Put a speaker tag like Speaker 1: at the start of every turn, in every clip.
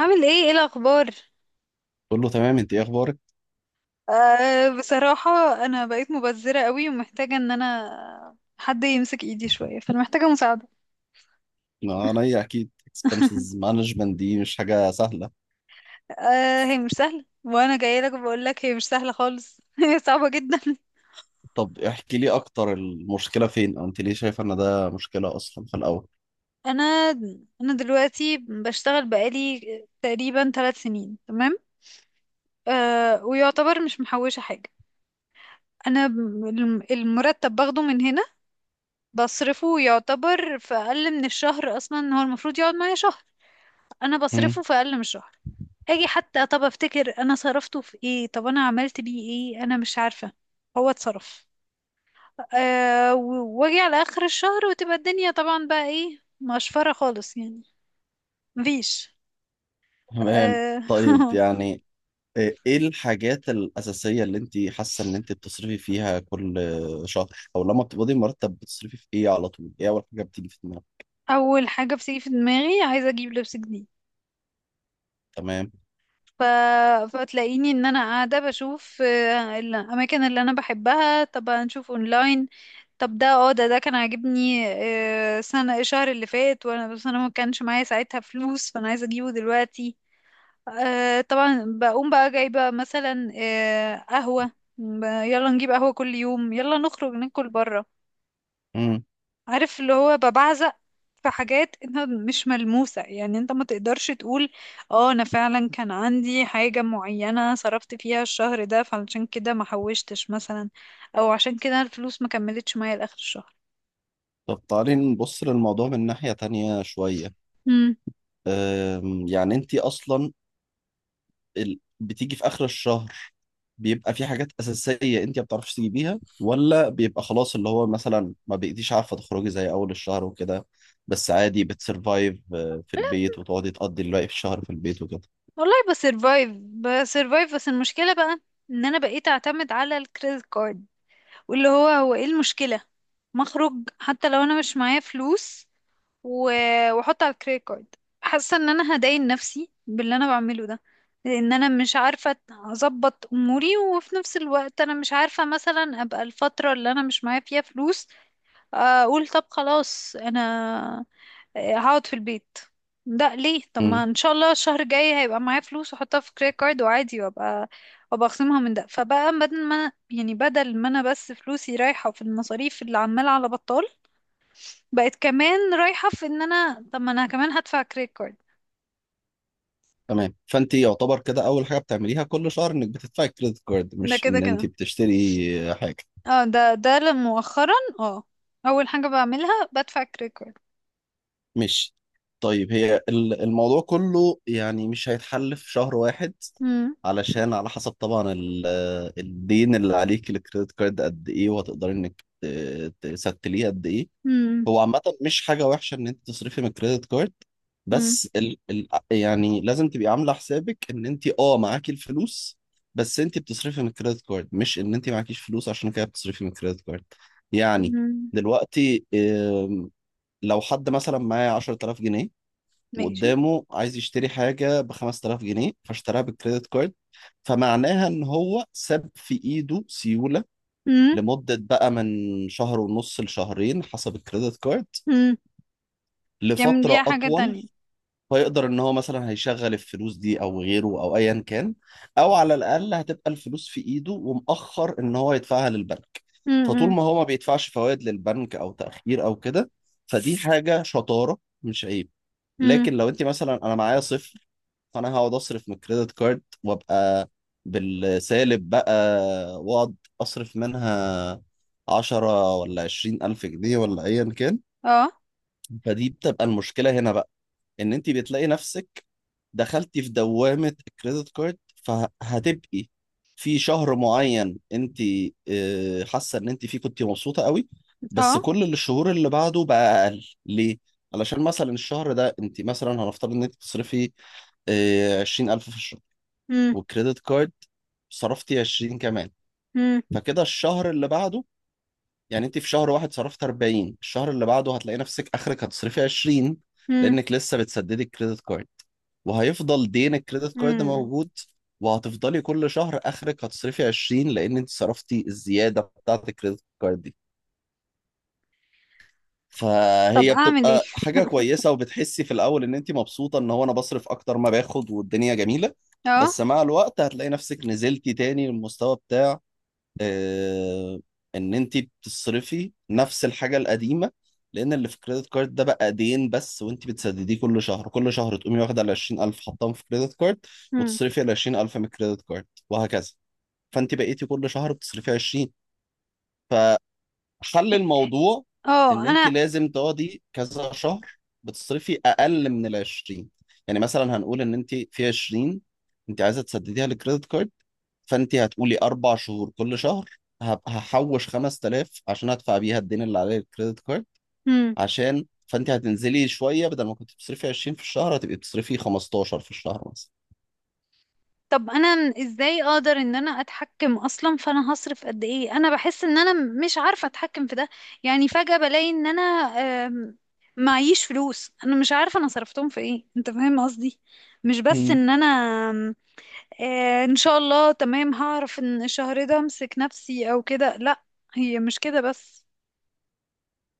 Speaker 1: عامل ايه الاخبار؟
Speaker 2: بقول له تمام، انت ايه اخبارك؟
Speaker 1: آه، بصراحة انا بقيت مبذرة قوي، ومحتاجة ان انا حد يمسك ايدي شوية، فانا محتاجة مساعدة.
Speaker 2: ما انا ايه اكيد اكسبنسز مانجمنت دي مش حاجه سهله.
Speaker 1: آه، هي مش سهلة، وانا جاية لك بقول لك هي مش سهلة خالص. هي صعبة جدا.
Speaker 2: طب احكي لي اكتر، المشكله فين، او انت ليه شايفه ان ده مشكله اصلا في الاول؟
Speaker 1: انا انا دلوقتي بشتغل بقالي تقريبا 3 سنين، تمام؟ آه، ويعتبر مش محوشة حاجة. انا ب- المرتب باخده من هنا، بصرفه يعتبر في اقل من الشهر. اصلا هو المفروض يقعد معايا شهر، انا
Speaker 2: مم.
Speaker 1: بصرفه في اقل من شهر. اجي حتى طب افتكر انا صرفته في ايه، طب انا عملت بيه ايه، انا مش عارفة. هو اتصرف. واجي على اخر الشهر، وتبقى الدنيا طبعا بقى ايه، مقشفرة خالص يعني. مفيش.
Speaker 2: تمام.
Speaker 1: أه.
Speaker 2: طيب يعني ايه الحاجات الاساسيه اللي انت حاسه ان انت بتصرفي فيها كل شهر، او لما بتقبضي مرتب بتصرفي في ايه على طول؟ ايه اول حاجه بتيجي في دماغك؟
Speaker 1: اول حاجة بتيجي في دماغي عايزة اجيب لبس جديد.
Speaker 2: تمام.
Speaker 1: ف... فتلاقيني ان انا قاعده بشوف الاماكن اللي انا بحبها، طب هنشوف اونلاين. طب ده، ده كان عاجبني سنه، الشهر اللي فات، وانا بس انا ما كانش معايا ساعتها فلوس، فانا عايزه اجيبه دلوقتي. طبعا بقوم بقى جايبه مثلا قهوه. يلا نجيب قهوه كل يوم، يلا نخرج ناكل بره.
Speaker 2: مم.
Speaker 1: عارف، اللي هو ببعزق في حاجات انت مش ملموسة. يعني انت ما تقدرش تقول اه انا فعلا كان عندي حاجة معينة صرفت فيها الشهر ده، فعشان كده ما حوشتش مثلا، او عشان كده الفلوس ما كملتش معايا لاخر الشهر.
Speaker 2: طب تعالي نبص للموضوع من ناحيه تانية شويه.
Speaker 1: امم
Speaker 2: يعني انت اصلا بتيجي في اخر الشهر، بيبقى في حاجات اساسيه انت ما بتعرفيش تجيبيها، ولا بيبقى خلاص اللي هو مثلا ما بقيتيش عارفه تخرجي زي اول الشهر وكده، بس عادي بتسرفايف في البيت وتقعدي تقضي الباقي في الشهر في البيت وكده.
Speaker 1: والله بسرفايف، بسرفايف، بس المشكلة بقى ان انا بقيت اعتمد على الكريدت كارد. واللي هو ايه المشكلة، مخرج. حتى لو انا مش معايا فلوس، واحط على الكريدت كارد. حاسه ان انا هداين نفسي باللي انا بعمله ده، لان انا مش عارفه اظبط اموري، وفي نفس الوقت انا مش عارفه مثلا ابقى الفتره اللي انا مش معايا فيها فلوس، اقول طب خلاص انا هقعد في البيت. ده ليه؟ طب ما
Speaker 2: امم.
Speaker 1: ان شاء الله الشهر الجاي هيبقى معايا فلوس، واحطها في كريدت كارد وعادي، وابقى اخصمها من ده. فبقى بدل ما يعني بدل ما انا بس فلوسي رايحه في المصاريف اللي عماله على بطال، بقت كمان رايحة في ان انا طب ما انا كمان هدفع كريدت كارد.
Speaker 2: تمام. فانت يعتبر كده اول حاجه بتعمليها كل شهر انك بتدفعي كريدت كارد،
Speaker 1: ده
Speaker 2: مش
Speaker 1: كده
Speaker 2: ان
Speaker 1: كده.
Speaker 2: انت بتشتري حاجه.
Speaker 1: اه، مؤخرا اه اول حاجة بعملها بدفع كريدت كارد.
Speaker 2: ماشي. طيب، هي الموضوع كله يعني مش هيتحل في شهر واحد،
Speaker 1: مم.
Speaker 2: علشان على حسب طبعا الدين اللي عليك الكريدت كارد قد ايه، وهتقدري انك تستليه قد ايه.
Speaker 1: مم.
Speaker 2: هو عامة مش حاجة وحشة ان انت تصرفي من الكريدت كارد،
Speaker 1: مم.
Speaker 2: بس ال يعني لازم تبقي عاملة حسابك ان انت معاكي الفلوس، بس انت بتصرفي من الكريدت كارد، مش ان انت معكيش فلوس عشان كده بتصرفي من الكريدت كارد يعني.
Speaker 1: مم.
Speaker 2: دلوقتي لو حد مثلا معاه 10000 جنيه،
Speaker 1: ماشي.
Speaker 2: وقدامه عايز يشتري حاجة ب 5000 جنيه فاشتراها بالكريدت كارد، فمعناها إن هو ساب في إيده سيولة
Speaker 1: مم.
Speaker 2: لمدة بقى من شهر ونص لشهرين حسب الكريدت كارد،
Speaker 1: مم. تعمل
Speaker 2: لفترة
Speaker 1: بيها حاجة
Speaker 2: أطول.
Speaker 1: تانية.
Speaker 2: فيقدر إن هو مثلا هيشغل الفلوس دي أو غيره أو أيا كان، أو على الأقل هتبقى الفلوس في إيده ومأخر إن هو يدفعها للبنك.
Speaker 1: مم.
Speaker 2: فطول
Speaker 1: مم.
Speaker 2: ما هو ما بيدفعش فوائد للبنك أو تأخير أو كده، فدي حاجة شطارة مش عيب.
Speaker 1: مم.
Speaker 2: لكن لو انت مثلا انا معايا صفر، فانا هقعد اصرف من الكريدت كارد وابقى بالسالب بقى، واقعد اصرف منها عشرة ولا عشرين ألف جنيه ولا أيا كان.
Speaker 1: اه.
Speaker 2: فدي بتبقى المشكلة هنا بقى، إن أنت بتلاقي نفسك دخلتي في دوامة الكريدت كارد، فهتبقي في شهر معين انت حاسة ان انت فيه كنت مبسوطة قوي، بس
Speaker 1: اه.
Speaker 2: كل الشهور اللي بعده بقى اقل، ليه؟ علشان مثلا الشهر ده انت مثلا، هنفترض ان انت بتصرفي 20 ألف في الشهر،
Speaker 1: مم.
Speaker 2: والكريدت كارد صرفتي عشرين كمان.
Speaker 1: مم.
Speaker 2: فكده الشهر اللي بعده، يعني انت في شهر واحد صرفت 40، الشهر اللي بعده هتلاقي نفسك اخرك هتصرفي 20،
Speaker 1: مم.
Speaker 2: لانك لسه بتسددي الكريدت كارد، وهيفضل دين الكريدت كارد
Speaker 1: مم.
Speaker 2: موجود، وهتفضلي كل شهر اخرك هتصرفي 20 لان انت صرفتي الزياده بتاعه الكريدت كارد دي.
Speaker 1: طب
Speaker 2: فهي
Speaker 1: اعمل ايه؟
Speaker 2: بتبقى حاجه كويسه، وبتحسي في الاول ان انت مبسوطه ان هو انا بصرف اكتر ما باخد والدنيا جميله.
Speaker 1: اه.
Speaker 2: بس مع الوقت هتلاقي نفسك نزلتي تاني للمستوى، آه، ان انت بتصرفي نفس الحاجه القديمه، لان اللي في كريدت كارد ده بقى دين بس، وانت بتسدديه كل شهر تقومي واخده ال 20000 حطاهم في كريدت كارد،
Speaker 1: مم.
Speaker 2: وتصرفي ال 20000 من كريدت كارد، وهكذا. فانت بقيتي كل شهر بتصرفي 20. فحل الموضوع
Speaker 1: اه
Speaker 2: ان انت
Speaker 1: انا.
Speaker 2: لازم تقعدي كذا شهر بتصرفي اقل من ال 20. يعني مثلا هنقول ان انت في 20 انت عايزه تسدديها لكريدت كارد، فانت هتقولي 4 شهور، كل شهر هحوش 5000 عشان ادفع بيها الدين اللي عليه الكريدت كارد.
Speaker 1: مم.
Speaker 2: عشان فانت هتنزلي شويه، بدل ما كنت بتصرفي 20 في الشهر هتبقي بتصرفي 15 في الشهر مثلا.
Speaker 1: طب انا ازاي اقدر ان انا اتحكم اصلا، فانا هصرف قد ايه؟ انا بحس ان انا مش عارفة اتحكم في ده. يعني فجأة بلاقي ان انا آم، معيش فلوس، انا مش عارفة انا صرفتهم في ايه، انت فاهم قصدي؟ مش بس
Speaker 2: مم.
Speaker 1: ان انا آم، ان شاء الله تمام هعرف ان الشهر ده امسك نفسي او كده، لا، هي مش كده بس.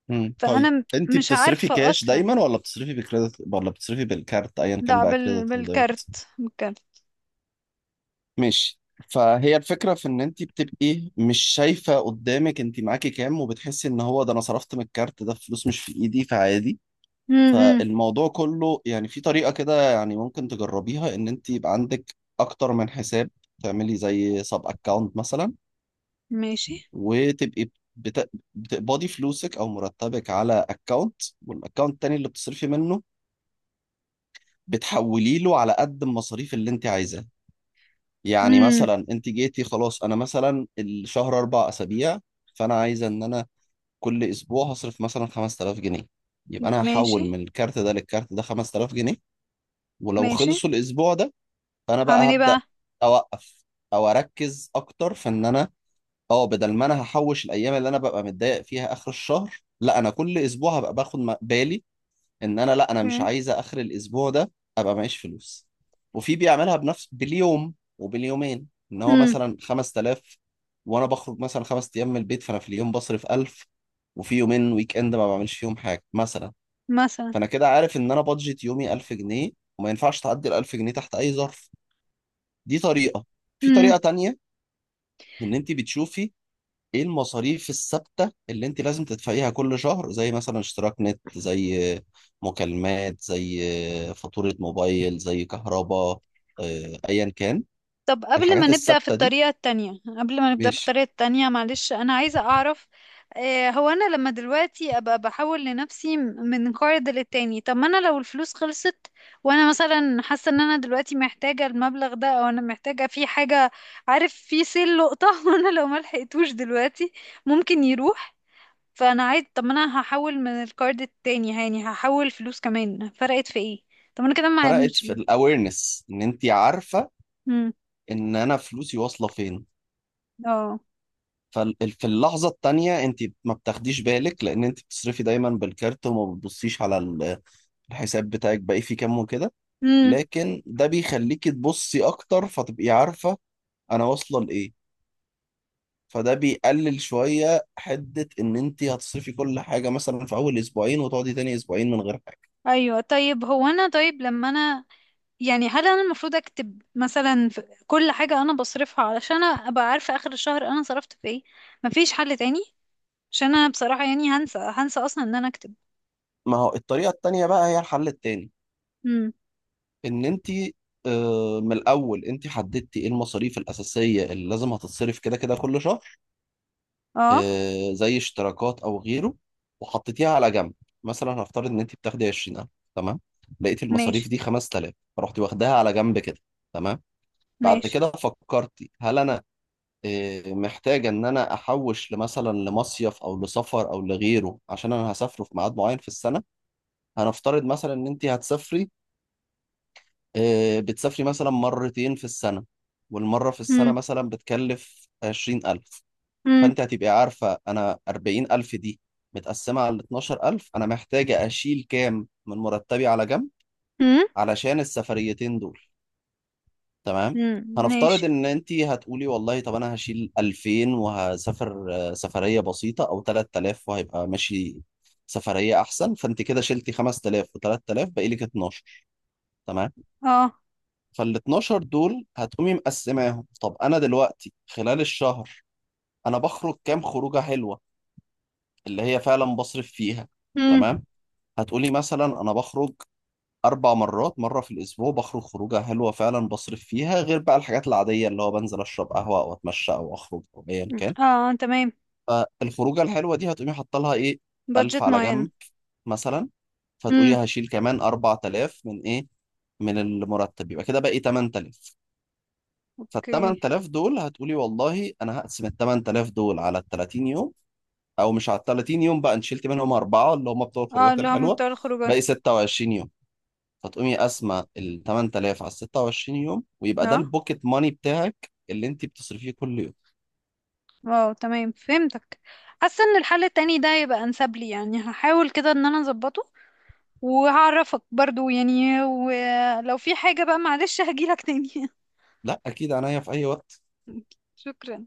Speaker 2: مم.
Speaker 1: فانا
Speaker 2: طيب
Speaker 1: م-
Speaker 2: انت
Speaker 1: مش
Speaker 2: بتصرفي
Speaker 1: عارفة
Speaker 2: كاش
Speaker 1: اصلا.
Speaker 2: دايما، ولا بتصرفي بكريدت، ولا بتصرفي بالكارت، ايا كان
Speaker 1: لا،
Speaker 2: بقى كريدت او ديبت؟
Speaker 1: بالكارت.
Speaker 2: ماشي. فهي الفكره في ان انت بتبقي مش شايفه قدامك انت معاكي كام، وبتحسي ان هو ده، انا صرفت من الكارت ده فلوس مش في ايدي فعادي.
Speaker 1: امم.
Speaker 2: فالموضوع كله يعني في طريقة كده يعني ممكن تجربيها، ان انت يبقى عندك اكتر من حساب، تعملي زي سب اكونت مثلا،
Speaker 1: ماشي.
Speaker 2: وتبقي بت... بتقبضي فلوسك او مرتبك على اكونت، والاكونت التاني اللي بتصرفي منه بتحولي له على قد المصاريف اللي انت عايزاها. يعني
Speaker 1: امم.
Speaker 2: مثلا انت جيتي خلاص، انا مثلا الشهر 4 اسابيع، فانا عايزه ان انا كل اسبوع هصرف مثلا 5000 جنيه، يبقى انا هحول
Speaker 1: ماشي.
Speaker 2: من الكارت ده للكارت ده 5000 جنيه. ولو
Speaker 1: ماشي.
Speaker 2: خلصوا الاسبوع ده، فانا
Speaker 1: هعمل
Speaker 2: بقى
Speaker 1: ايه
Speaker 2: هبدا
Speaker 1: بقى؟
Speaker 2: اوقف، او اركز اكتر في ان انا اه بدل ما انا هحوش الايام اللي انا ببقى متضايق فيها اخر الشهر، لا انا كل اسبوع هبقى باخد بالي، ان انا لا انا مش
Speaker 1: اوكي.
Speaker 2: عايزه اخر الاسبوع ده ابقى معيش فلوس. وفي بيعملها بنفس باليوم وباليومين، ان هو
Speaker 1: امم.
Speaker 2: مثلا 5000، وانا بخرج مثلا 5 ايام من البيت، فانا في اليوم بصرف 1000، وفي يومين ويك اند ما بعملش فيهم حاجه مثلا.
Speaker 1: مثلا.
Speaker 2: فانا كده عارف ان انا بادجت يومي 1000 جنيه، وما ينفعش تعدي ال 1000 جنيه تحت اي ظرف. دي طريقة. في
Speaker 1: امم.
Speaker 2: طريقة تانية، ان انت بتشوفي ايه المصاريف الثابتة اللي انت لازم تدفعيها كل شهر، زي مثلا اشتراك نت، زي مكالمات، زي فاتورة موبايل، زي كهرباء، ايا كان
Speaker 1: طب قبل ما
Speaker 2: الحاجات
Speaker 1: نبدأ في
Speaker 2: الثابتة دي.
Speaker 1: الطريقة التانية، قبل ما نبدأ في
Speaker 2: ماشي.
Speaker 1: الطريقة التانية معلش، أنا عايزة أعرف، آه، هو أنا لما دلوقتي أبقى بحول لنفسي من قرض للتاني، طب ما أنا لو الفلوس خلصت وأنا مثلا حاسة إن أنا دلوقتي محتاجة المبلغ ده، أو أنا محتاجة في حاجة، عارف، في سيل لقطة وأنا لو ما لحقتوش دلوقتي ممكن يروح، فأنا عايز، طب ما أنا هحول من القرض التاني، يعني هحول فلوس كمان، فرقت في إيه؟ طب أنا كده مع
Speaker 2: فرقت
Speaker 1: مش.
Speaker 2: في الاويرنس، ان انت عارفة
Speaker 1: مم.
Speaker 2: ان انا فلوسي واصلة فين.
Speaker 1: اه.
Speaker 2: ففي اللحظة التانية انت ما بتاخديش بالك، لان انت بتصرفي دايما بالكارت، وما بتبصيش على الحساب بتاعك باقي فيه كام وكده.
Speaker 1: امم.
Speaker 2: لكن ده بيخليكي تبصي اكتر فتبقي عارفة انا واصلة لايه. فده بيقلل شوية حدة ان انت هتصرفي كل حاجة مثلا في اول اسبوعين، وتقعدي تاني اسبوعين من غير حاجة.
Speaker 1: ايوه. طيب هو انا، طيب لما انا، يعني هل انا المفروض اكتب مثلا في كل حاجه انا بصرفها علشان ابقى عارفه اخر الشهر انا صرفت في ايه؟ مفيش حل تاني؟ عشان انا بصراحه يعني هنسى، هنسى اصلا ان انا اكتب.
Speaker 2: ما هو الطريقة التانية بقى هي الحل التاني،
Speaker 1: امم.
Speaker 2: ان انت من الاول انت حددتي ايه المصاريف الاساسية اللي لازم هتتصرف كده كده كل شهر،
Speaker 1: اه.
Speaker 2: زي اشتراكات او غيره، وحطيتيها على جنب. مثلا هنفترض ان انت بتاخدي 20000، تمام، لقيتي
Speaker 1: ماشي.
Speaker 2: المصاريف دي 5000 فرحتي واخداها على جنب كده، تمام. بعد
Speaker 1: ماشي.
Speaker 2: كده فكرت، هل انا محتاج ان انا احوش لمثلا لمصيف او لسفر او لغيره عشان انا هسافره في ميعاد معين في السنه. هنفترض مثلا ان انت هتسافري، بتسافري مثلا مرتين في السنه، والمره في السنه
Speaker 1: امم.
Speaker 2: مثلا بتكلف 20000،
Speaker 1: امم.
Speaker 2: فانت هتبقي عارفه انا 40000 دي متقسمه على 12000، انا محتاجه اشيل كام من مرتبي على جنب
Speaker 1: امم.
Speaker 2: علشان السفريتين دول. تمام.
Speaker 1: امم.
Speaker 2: هنفترض
Speaker 1: ماشي.
Speaker 2: ان انت هتقولي والله، طب انا هشيل 2000 وهسافر سفريه بسيطه، او 3000 وهيبقى ماشي سفريه احسن. فانت كده شلتي 5000 و3000 باقي لك 12، تمام.
Speaker 1: اه.
Speaker 2: فال 12 دول هتقومي مقسماهم، طب انا دلوقتي خلال الشهر انا بخرج كام خروجه حلوه اللي هي فعلا بصرف فيها؟
Speaker 1: امم.
Speaker 2: تمام. هتقولي مثلا انا بخرج أربع مرات، مرة في الأسبوع بخرج خروجة حلوة فعلا بصرف فيها، غير بقى الحاجات العادية اللي هو بنزل أشرب قهوة أو أتمشى أو أخرج أو أيا كان.
Speaker 1: اه، تمام.
Speaker 2: فالخروجة الحلوة دي هتقومي حاطة لها إيه؟ ألف
Speaker 1: بادجت
Speaker 2: على
Speaker 1: معين.
Speaker 2: جنب مثلا. فتقولي
Speaker 1: امم.
Speaker 2: هشيل كمان 4 تلاف من إيه؟ من المرتب. يبقى كده باقي 8 تلاف.
Speaker 1: اوكي.
Speaker 2: فالتمن تلاف دول هتقولي والله أنا هقسم التمن تلاف دول على الـ30 يوم، أو مش على التلاتين يوم بقى، أنت شلت منهم أربعة اللي هم بتوع
Speaker 1: اه،
Speaker 2: الخروجات
Speaker 1: اللي هم
Speaker 2: الحلوة،
Speaker 1: بتوع الخروجات.
Speaker 2: باقي 26 يوم. فتقومي قاسمة ال 8000 على 26 يوم، ويبقى ده
Speaker 1: اه.
Speaker 2: البوكيت ماني بتاعك اللي انت بتصرفيه كل يوم.
Speaker 1: واو، تمام فهمتك. حاسه ان الحل التاني ده يبقى انسب لي، يعني هحاول كده ان انا اظبطه، وهعرفك برضو يعني، ولو في حاجه بقى معلش هجيلك تاني.
Speaker 2: لا، اكيد، عينيا في اي وقت.
Speaker 1: شكرا.